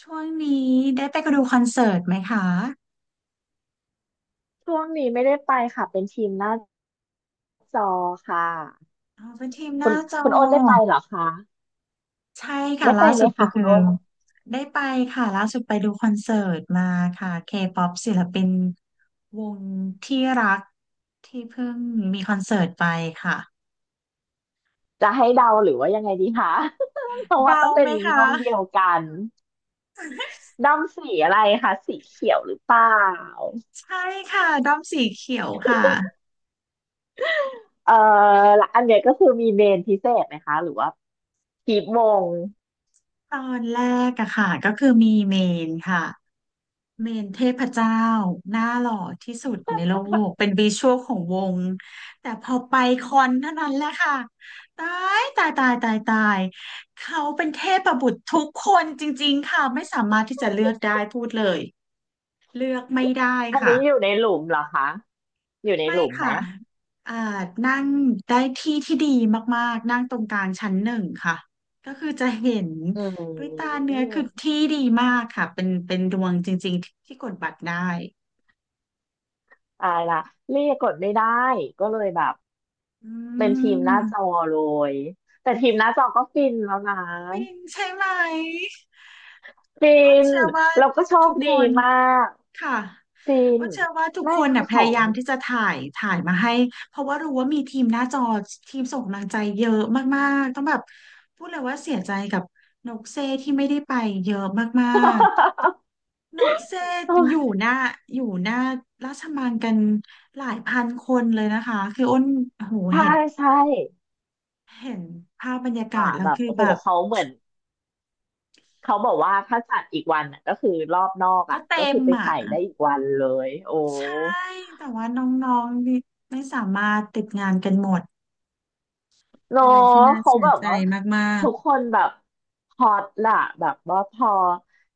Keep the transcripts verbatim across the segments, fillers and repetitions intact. ช่วงนี้ได้ไปดูคอนเสิร์ตไหมคะช่วงนี้ไม่ได้ไปค่ะเป็นทีมหน้าจอค่ะอ๋อเป็นทีมหคุน้าณจอคุณโอนได้ไปเหรอคะใช่ค่ะได้ไปล่าไหมสุดก็คะคุคือณโอนได้ไปค่ะล่าสุดไปดูคอนเสิร์ตมาค่ะ K-pop ศิลปินวงที่รักที่เพิ่งมีคอนเสิร์ตไปค่ะจะให้เดาหรือว่ายังไงดีคะ เพราะว่าเดาต้องเป็ไหมนคะ ด้อมเดียวกัน ด้อมสีอะไรคะสีเขียวหรือเปล่าใช่ค่ะด้อมสีเขียวค่ะเอ่อและอันเนี้ยก็คือมีเมนพิเศษไหมคะหรือว่ากีบมงตอนแรกอะค่ะก็คือมีเมนค่ะ เมนเทพเจ้าหน้าหล่อที่สุดในโลกเป็นวิชวลของวงแต่พอไปคอนเท่านั้นแหละค่ะตายตายตายตายตายเขาเป็นเทพบุตรทุกคนจริงๆค่ะไม่สามารถที่จะเลือกได้พูดเลยเลือกไม่ได้อันค่ะนี้อยู่ในหลุมเหรอคะอยู่ในไม่หลุมไหมค่ะอ่านั่งได้ที่ที่ดีมากๆนั่งตรงกลางชั้นหนึ่งค่ะก็คือจะเห็นอืด้วยตามเนื้อคือที่ดีมากค่ะเป็นเป็นดวงจริงๆที่กดบัตรได้ ตายละเรียกกดไม่ได้ก็เลยแบบ อืเป็นทีมหน้าจอมเลย แต่ทีมหน้าจอก็ฟินแล้วนะ ปิงใช่ไหมฟิอ้นนเชื่อว่าเราก็โชทุคกคดีนมาก ค่ะฟิอ้นนเชื่อว่าทุกไม่คนคืน่ะอพขยาอง ยามที่จะถ่ายถ่ายมาให้เพราะว่ารู้ว่ามีทีมหน้าจอทีมส่งกำลังใจเยอะมากๆต้องแบบพูดเลยว่าเสียใจกับนกเซที่ไม่ได้ไปเยอะมาก ๆนกเซอยู่หน้าอยู่หน้าราชมังกันหลายพันคนเลยนะคะคืออ้นโอ้โหใช่เห็นใช่เห็นภาพบรรยาอ่ะกาศแล้แบวบคือโอ้โหแบบ เขาเหมือนเขาบอกว่าถ้าจัดอีกวันน่ะก็คือรอบนอกก็อ่ะเต็ก็คืมอไปอ่ะใส่ได้อีกวันเลยโอ้ ใช่แต่ว่าน้องๆนี่ไม่สามารถติดงานกันหมดเป็เนาะนอะไรที่น่าเขาเสียแบบใจว่ามากทุกคนแบบฮอตล่ะแบบว่าพอ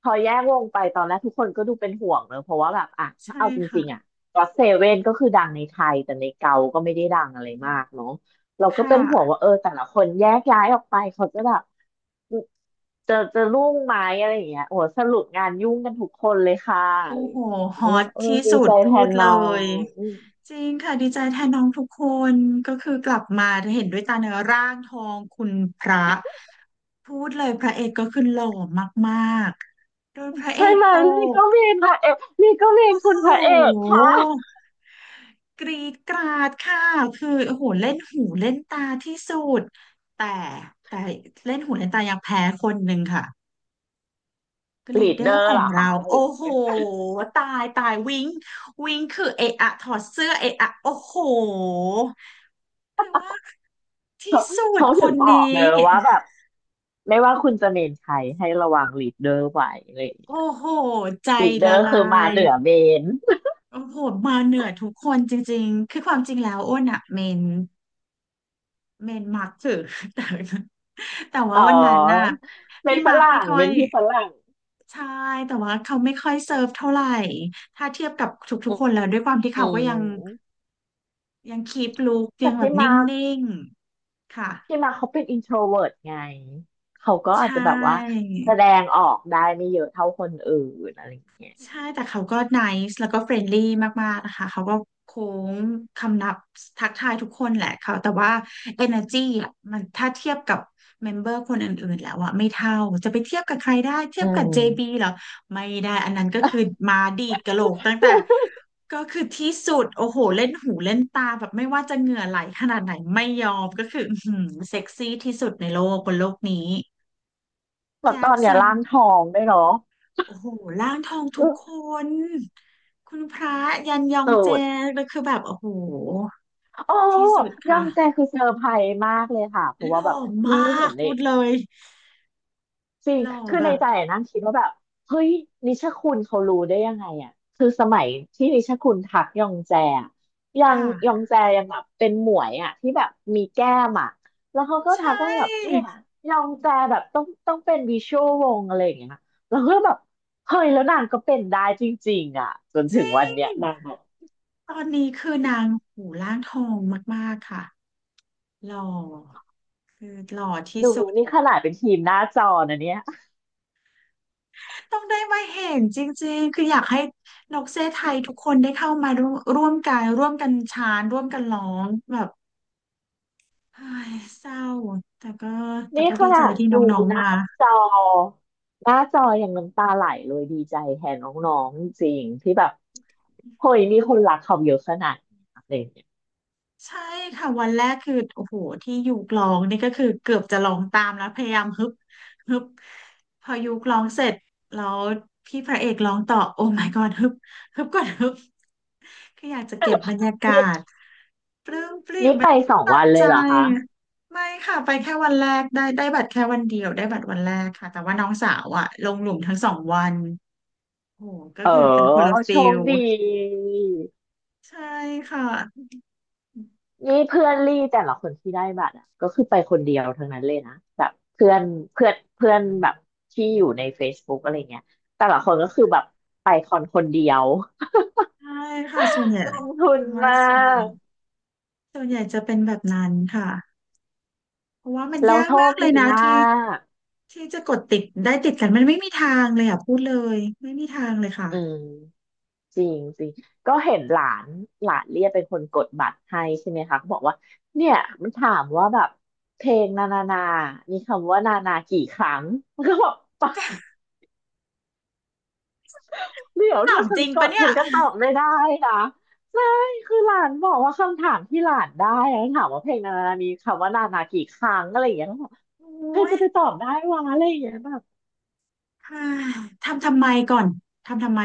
พอแยกวงไปตอนแรกทุกคนก็ดูเป็นห่วงเนอะเพราะว่าแบบอ่ะๆถ้าใช่เอาจค่ะริงๆอ่ะก็เซเว่นก็คือดังในไทยแต่ในเกาก็ไม่ได้ดังอะไรอืมามกเนาะเราคก็เป็นห่วงว่า่ะเออแต่ละคนแยกย้ายออกไปเขาจะแบบจะจะรุ่งไหมอะไรอย่างเงี้ยโอ้โหสรุปงานยุ่งกันทุกคนเลยค่ะโอ้อะไรอยโหฮอ่างเงี้ยตก็เลยบอกเออที่ดีสุใจดแทพูดนเลน้อยงจริงค่ะดีใจแทนน้องทุกคนก็คือกลับมาเห็นด้วยตาเนื้อร่างทองคุณพระพูดเลยพระเอกก็คือหล่อมากๆโดยพระเอใช่กไหมตนี่กก็เมนพระเอกนี่ก็เมนโอ้คุณโพระเอกค่ะ ห กรีดกราดค่ะคือโอ้โหเล่นหูเล่นตาที่สุดแต่แต่เล่นหูเล่นตายังแพ้คนหนึ่งค่ะก็ลีลีดดเดเดออร์ขร์อเหรงอคะเราหรืโอ้อโหตายตายวิงวิงคือเอะอะถอดเสื้อเอะอะโอ้โหแต่ว่าที่สุดเขาคถึงนบอกนี้เนอะว่าแบบไม่ว่าคุณจะเมนใครให้ระวังลีดเดอร์ไว้อะไรอย่างเลโอ้ยโหใจลีดเดอละร์คือลามายเหนือเมนโอ้โหมาเหนือทุกคนจริงๆคือความจริงแล้วอ้นอะเมน เมนมาร์กถือ แต่ แต่ว่าอ๋อวันนั้นน่ะเป็พี่นฝมาร์กไม่รั่งค่อเป็ยนพี่ฝรั่งใช่แต่ว่าเขาไม่ค่อยเซิร์ฟเท่าไหร่ถ้าเทียบกับทุกๆคนแล้วด้วยความที่อืเขาก็ยังมยังคีปลุคแต่ยังแบพี่บนิมาร์ค่งๆค่ะพี่มาร์คเขาเป็นอินโทรเวิร์ตไงเขาก็ใชอาจจะแบบว่า่ แสดงออกได้ไม่เยอะเท่าคนอื่นอะไรอย่างเงี้ยใช่แต่เขาก็ nice แล้วก็เฟรนลี่มากๆนะคะเขาก็โค้งคำนับทักทายทุกคนแหละเขาแต่ว่า energy อ่ะมันถ้าเทียบกับเมมเบอร์คนอื่นๆแล้วอ่ะไม่เท่าจะไปเทียบกับใครได้เทียอืบกับ ม เจ บี เหรอไม่ได้อันนั้นก็คือมาดีดกะโหลกตั้งแต่ก็คือที่สุดโอ้โหเล่นหูเล่นตาแบบไม่ว่าจะเหงื่อไหลขนาดไหนไม่ยอมก็คืออื้อหือเซ็กซี่ที่สุดในโลกบนโลกนี้แบบแจ็ตอคนเนี้ยสัน ร่างทองได้วยเนาะโอ้โหร่างทองทุกอื้อคนคุณพระยันยองสุเจดแล้วคือแบบโอ้โหโอ้ที่สุดยอค่ะงแจคือเซอร์ไพรส์มากเลยค่ะเพราะหว่าล่แบอบรีมาเห็กนเลพูย ดเลยจริงหล่อคือแบในบใจอะนั่งคิดว่าแบบเฮ้ยนิชคุณเขารู้ได้ยังไงอ่ะคือสมัยที่นิชคุณทักยองแจอะยังค่ะยองแจยังแบบเป็นหมวยอ่ะที่แบบมีแก้มอ่ะแล้วเขาก็ใชทักว่าแบบเนี่่ยยองแจแบบต้องต้องเป็นวิชวลวงอะไรอย่างเงี้ยแล้วก็แบบเฮ้ยแล้วนางก็เป็นได้จริงๆอ่ะจนจถึงริวันเนี้ยงนางแบบตอนนี้คือนางหูร่างทองมากๆค่ะหล่อดูนี่ขนาดเป็นทีมหน้าจอนะเนี่ย ต้องได้มาเห็นจริงๆคืออยากให้นกเซไทยทุกคนได้เข้ามาร่วมร่วมกันร่วมกันชานร่วมกันร้องแบบ เฮ้ยเศร้าแต่ก็แต่นี่ก็ขดีนาใจดที่ดูน้องหๆน้ามาจอหน้าจออย่างน้ำตาไหลเลยดีใจแทนน้องๆจริงๆที่แบบเฮ้ยมีคนรักเขาเยอะขนาดนี้อะไรอย่างเงี้ยใช่ค่ะวันแรกคือโอ้โหที่ยุกร้องนี่ก็คือเกือบจะลองตามแล้วพยายามฮึบฮึบพอยุกร้องเสร็จแล้วพี่พระเอกร้องต่อโอ้ my god ฮึบฮึบก่อนฮึบคืออยากจะเก็บบรรยากาศนี่นี่ไปสองตั้วังนเลใจยเหรอคะไม่ค่ะไปแค่วันแรกได้ได้บัตรแค่วันเดียวได้บัตรวันแรกค่ะแต่ว่าน้องสาวอะลงหลุมทั้งสองวันโอ้โหก็เออคือเป็นคนละโชฟิคลดีใช่ค่ะ นี่เพื่อนลี่แต่ละคนที่ได้บัตรอ่ะก็คือไปคนเดียวทั้งนั้นเลยนะแบบเพื่อนเพื่อนเพื่อนแบบที่อยู่ใน Facebook อะไรเงี้ยแต่ละคนก็คือแบบไปคอนคนเดียว ใช่ค่ะส่วนใหญ่ ลงทุนคำว่ามาส่วนใหญ่กส่วนใหญ่จะเป็นแบบนั้นค่ะเพราะว่ามันเรายากโชมาคกเลยดีนะมาที่ก ที่จะกดติดได้ติดกันมันไม่มีทางเลยอ่ะพูดเลยไม่มีทางเลยค่ะอืมจริงจริงก็เห็นหลานหลานเรียกเป็นคนกดบัตรให้ใช่ไหมคะก็บอกว่าเนี่ยมันถามว่าแบบเพลงนานานามีคำว่านานากี่ครั้งมันก็บอกปะเดี๋ยวถาถ้ามฉัจนริงกปะดเนี่ยฉันก็ตอบไม่ได้นะใช่คือหลานบอกว่าคำถามที่หลานได้อะถามว่าเพลงนานานามีคำว่านานากี่ครั้งอะไรอย่างเงี้ยก็บอกโอใคร้ยจะไปตอบได้วะอะไรอย่างเงี้ยแบบค่ะทำทำไมก่อนทำทำไม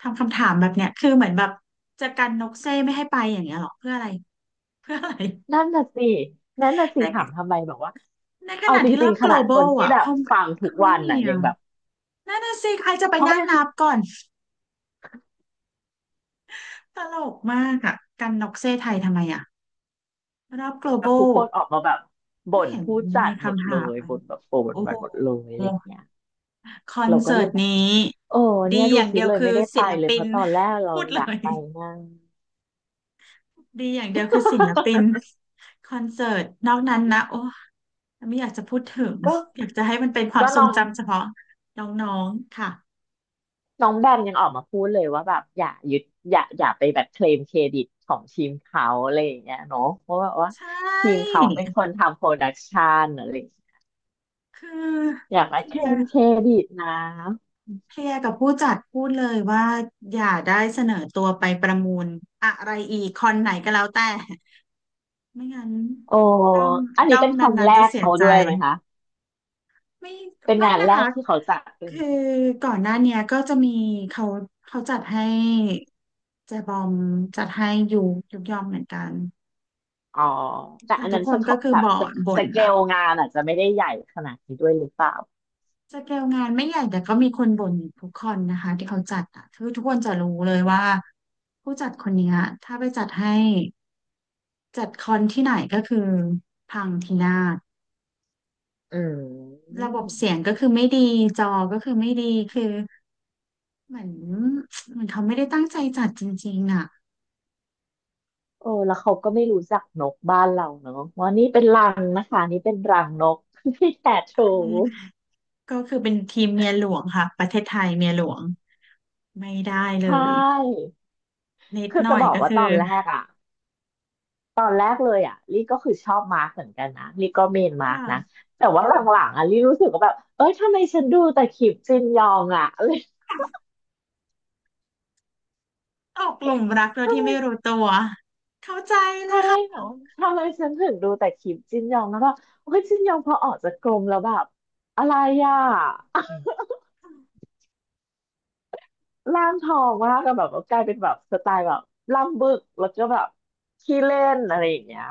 ทำคำถามแบบเนี้ยคือเหมือนแบบจะกันนกเซ่ไม่ให้ไปอย่างเงี้ยหรอเพื่ออะไรเพื่ออะไรนั่นน่ะสินั่นน่ะสิในถามทำไมบอกว่าในขเอาณะจที่รริองบ ๆขนาดคน global ที่อ่ะแบบเขาฟังทุกเขาวัไม่นมีน่ะยังอ่ะแบบ นั่นน่ะสิใครจะไปเพราะนั่แบงบนับก่อน ตลกมากอะกันน็อกเซ่ไทยทำไมอะรอบ global ทุกคนออกมาแบบไม่บ่นเห็นผู้ในจัดหมดคำเลถามยอะบ่นแบบโกรธบ่นโอ้โวันหมดเลยหอะไรอย่างเงี้ยคอนเราก็เสิเลร์ตยแบบนี้โอ้ดีเนี่ยดูอย่างสิเดียวเลยคือไม่ได้ไปศิลเลยปิเพน ราะตอนแรก เราพูดอเลยากยไปมาก ดีอย่างเดียวคือศิลปินคอนเสิร์ตนอกนั้นนะโอ้ไม่อยากจะพูดถึง ก็อยากจะให้มันเป็นความก็ทรน้งองจำเฉพาะน้องๆค่ะน้องแบมยังออกมาพูดเลยว่าแบบอย่ายึดอย่าอย่าไปแบบเคลมเครดิตของทีมเขาอะไรอย่างเงี้ยเนาะเพราะว่าว่าใชทีม่เขาเป็นคนทำโปรดักชันอะไรอย่างเงี้ยคือ อย่าไปเคลมเครดิตนะเคลียร์กับผู้จัดพูดเลยว่าอย่าได้เสนอตัวไปประมูลอะไรอีกคอนไหนก็แล้วแต่ไม่งั้นโอ้ด้อมอันนี้ด้อมเป็นนคนั้นแรๆจะกเสียเขาใจด้วยไหมคะ ไม่เป็นไม่งานนะแรคะกที่เขาจัดเป็นคือก่อนหน้าเนี้ยก็จะมีเขาเขาจัดให้แจบอมจัดให้ยูยุกยอมเหมือนกันอ๋อแต่แต่อันทุนั้กนคสนกก็คือแบบบ่สนเกสบ่นเกอะลงานอาจจะไม่ได้ใหญ่ขนาดนี้ด้วยหรือเปล่าสเกลงานไม่ใหญ่แต่ก็มีคนบ่นอยู่ทุกคนนะคะที่เขาจัดอะคือทุกคนจะรู้เลยว่าผู้จัดคนเนี้ยถ้าไปจัดให้ จัดคอนที่ไหนก็คือพังพินาศอืมระบบเสียงก็คือไม่ดีจอก็คือไม่ดีคือเหมือนเหมือนเขาไม่ได้ตั้งใจจัดจริงๆอ่ะเออแล้วเขาก็ไม่รู้จักนกบ้านเราเนอะว่านี่เป็นรังนะคะนี่เป็นรังนก ที่แตะโชอันนี้ว์ก็คือเป็นทีมเมียหลวงค่ะประเทศไทยเมียหลวงไม่ได้เลใชย่นิดคือหน่อจะยบอกก็ว่าคือตอนแรกอะตอนแรกเลยอะลี่ก็คือชอบมาร์กเหมือนกันนะลี่ก็เมนมาร์กค่ะนะแต่ว่าหลัค่ะงๆอะลี่รู้สึกว่าแบบเอ้ยทำไมฉันดูแต่คลิปจินยองอะ เอ้ยตกหลุมรักโดยที่ทำไม ไม่รู้ตัวเข้าใจเลใช่ยค่ะเหรอทำไมฉันถึงดูแต่คลิปจินยองแล้วก็โอ้ยจินยองพอออกจากกรมแล้วแบบอะไรอ่ะ ร่างทองมากก็แบบว่ากลายเป็นแบบสไตล์แบบล่ำบึกแล้วก็แบบขี้เล่นอะไรอย่างเงี้ย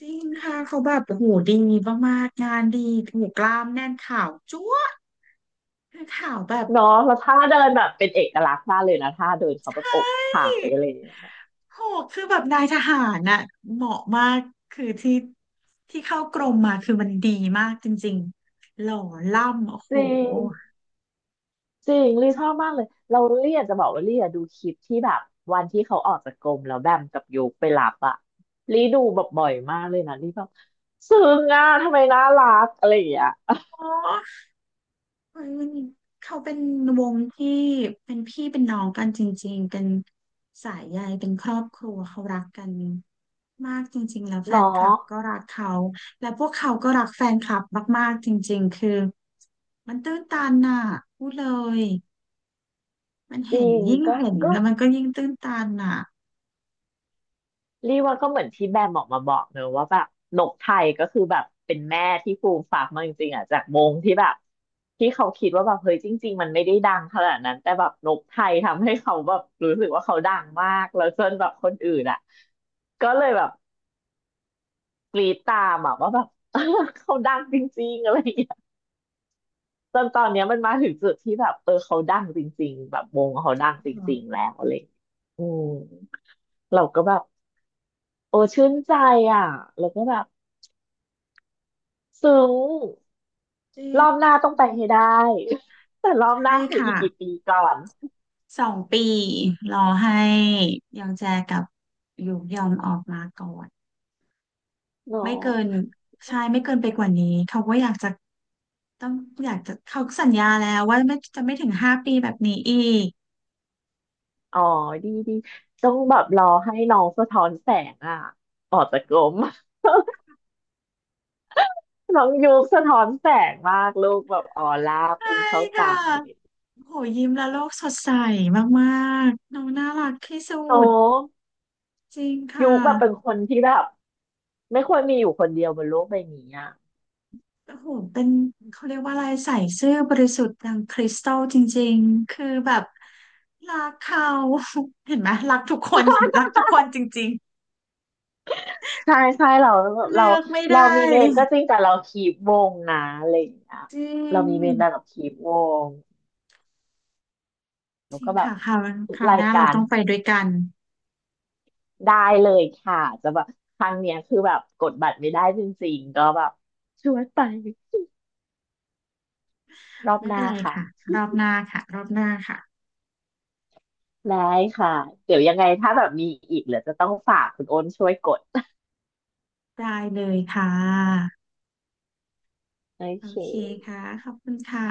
จริงค่ะเขาแบบโอ้โหดีมากๆงานดีโอ้โหูกล้ามแน่นข่าวจั๊วะคือข่าวแบบ เนาะแล้วท่าเดินแบบเป็นเอกลักษณ์มากเลยนะท่าเดินเขาแบบอกถ่ายอะไรอย่างเงี้ยโหคือแบบนายทหารน่ะเหมาะมาก คือที่ที่เข้ากรมมาคือมันดีมากจริงๆหล่อล่ำโอ้จโหริง จริงลี่ชอบมากเลยเราลี่อยากจะบอกว่าลี่อะดูคลิปที่แบบวันที่เขาออกจากกรมแล้วแบมกับโยกไปรับอะลี่ดูแบบบ่อยมากเลยนะลี่แบบซึ้งอะทำไมน่ารักอะไรอย่างเงี้ยโอ้เฮ้ยมันเขาเป็นวงที่เป็นพี่เป็นน้องกันจริงๆเป็นสายใยเป็นครอบครัวเขารักกันมากจริงๆแล้วแฟเนาะนคลับก็รักเขาและพวกเขาก็รักแฟนคลับมากๆจริงๆคือมันตื้นตันน่ะพูดเลย มันจเห็รินงยิ่งก็เห็นก็แล้วมันก็ยิ่งตื้นตันอ่ะลี่ว่าก็เหมือนที่แบมออกมาบอกเนอะว่าแบบนกไทยก็คือแบบเป็นแม่ที่ฟูมฝากมาจริงๆอะจากมงที่แบบที่เขาคิดว่าแบบเฮ้ยจริงๆมันไม่ได้ดังขนาดนั้นแต่แบบนกไทยทำให้เขาแบบรู้สึกว่าเขาดังมากแล้วจนแบบคนอื่นอะก็เลยแบบ กรีดตามอะว่าแบบ เขาดังจริงๆอะไรอย่างเงี้ยจนตอนเนี้ยมันมาถึงจุดที่แบบเออเขาดังจริงๆแบบวงเขาดังจริงๆแล้วอะไรอย่างเงี้ยอืมเราก็แบบโอ้ชื่นใจอ่ะแล้วก็แบบซึ้งจริรงอบหน้าต้องไปให้ได้ แต่รอบหใช่น้าคืออีค่ะกกี่ปีก่อนสองปีรอให้ยองแจกับหยูยอมออกมาก่อนเนาไม่เกินะใช่ไม่เกินไปกว่านี้เขาก็อยากจะต้องอยากจะเขาสัญญาแล้วว่าไม่จะไม่ถึงห้าปีแบบนี้อีกอ๋อดีดีต้องแบบรอให้น้องสะท้อนแสงอ่ะออกจากกลม น้องยุคสะท้อนแสงมากลูกแบบออร่าใช่พุ่งเข้าค่ะ ตาเลยโหยิ้มแล้วโลกสดใสมากๆน้องน่ารักที่สุโอด้ จริงยุค่ะ คแบบเป็นคนที่แบบไม่ควรมีอยู่คนเดียวบนโลกใบนี้อ่ะ โอ้โหเป็นเขาเรียกว่าอะไรใส่ซื่อบริสุทธิ์ดังคริสตัลจริงๆ คือแบบรักเขา เห็นไหมรักทุกคน รักทุกคน จริงใช่ใช่เราๆเราเลือกไม่ได้เรามีเมนก็จริงแต่เราคีปวงนะอะไรอย่างเงี้ยจริเรางมีเมนแต่เราคีปวงจแล้วริงก็แบบค่ะคราวทุคกราวราหยน้ากาเรารต้องไปด้วยกันได้เลยค่ะจะแบบครั้งเนี้ยคือแบบกดบัตรไม่ได้จริงๆก็แบบชวนไปรอบไม่หเป็น้านไรค่ะค่ะรอบหน้าค่ะรอบหน้าค่ะได้ค่ะเดี๋ยวยังไงถ้าแบบมีอีกเหลือจะต้องฝากคุณโอนช่วยกดได้เลยค่ะโอโอเคเคค่ะขอบคุณค่ะ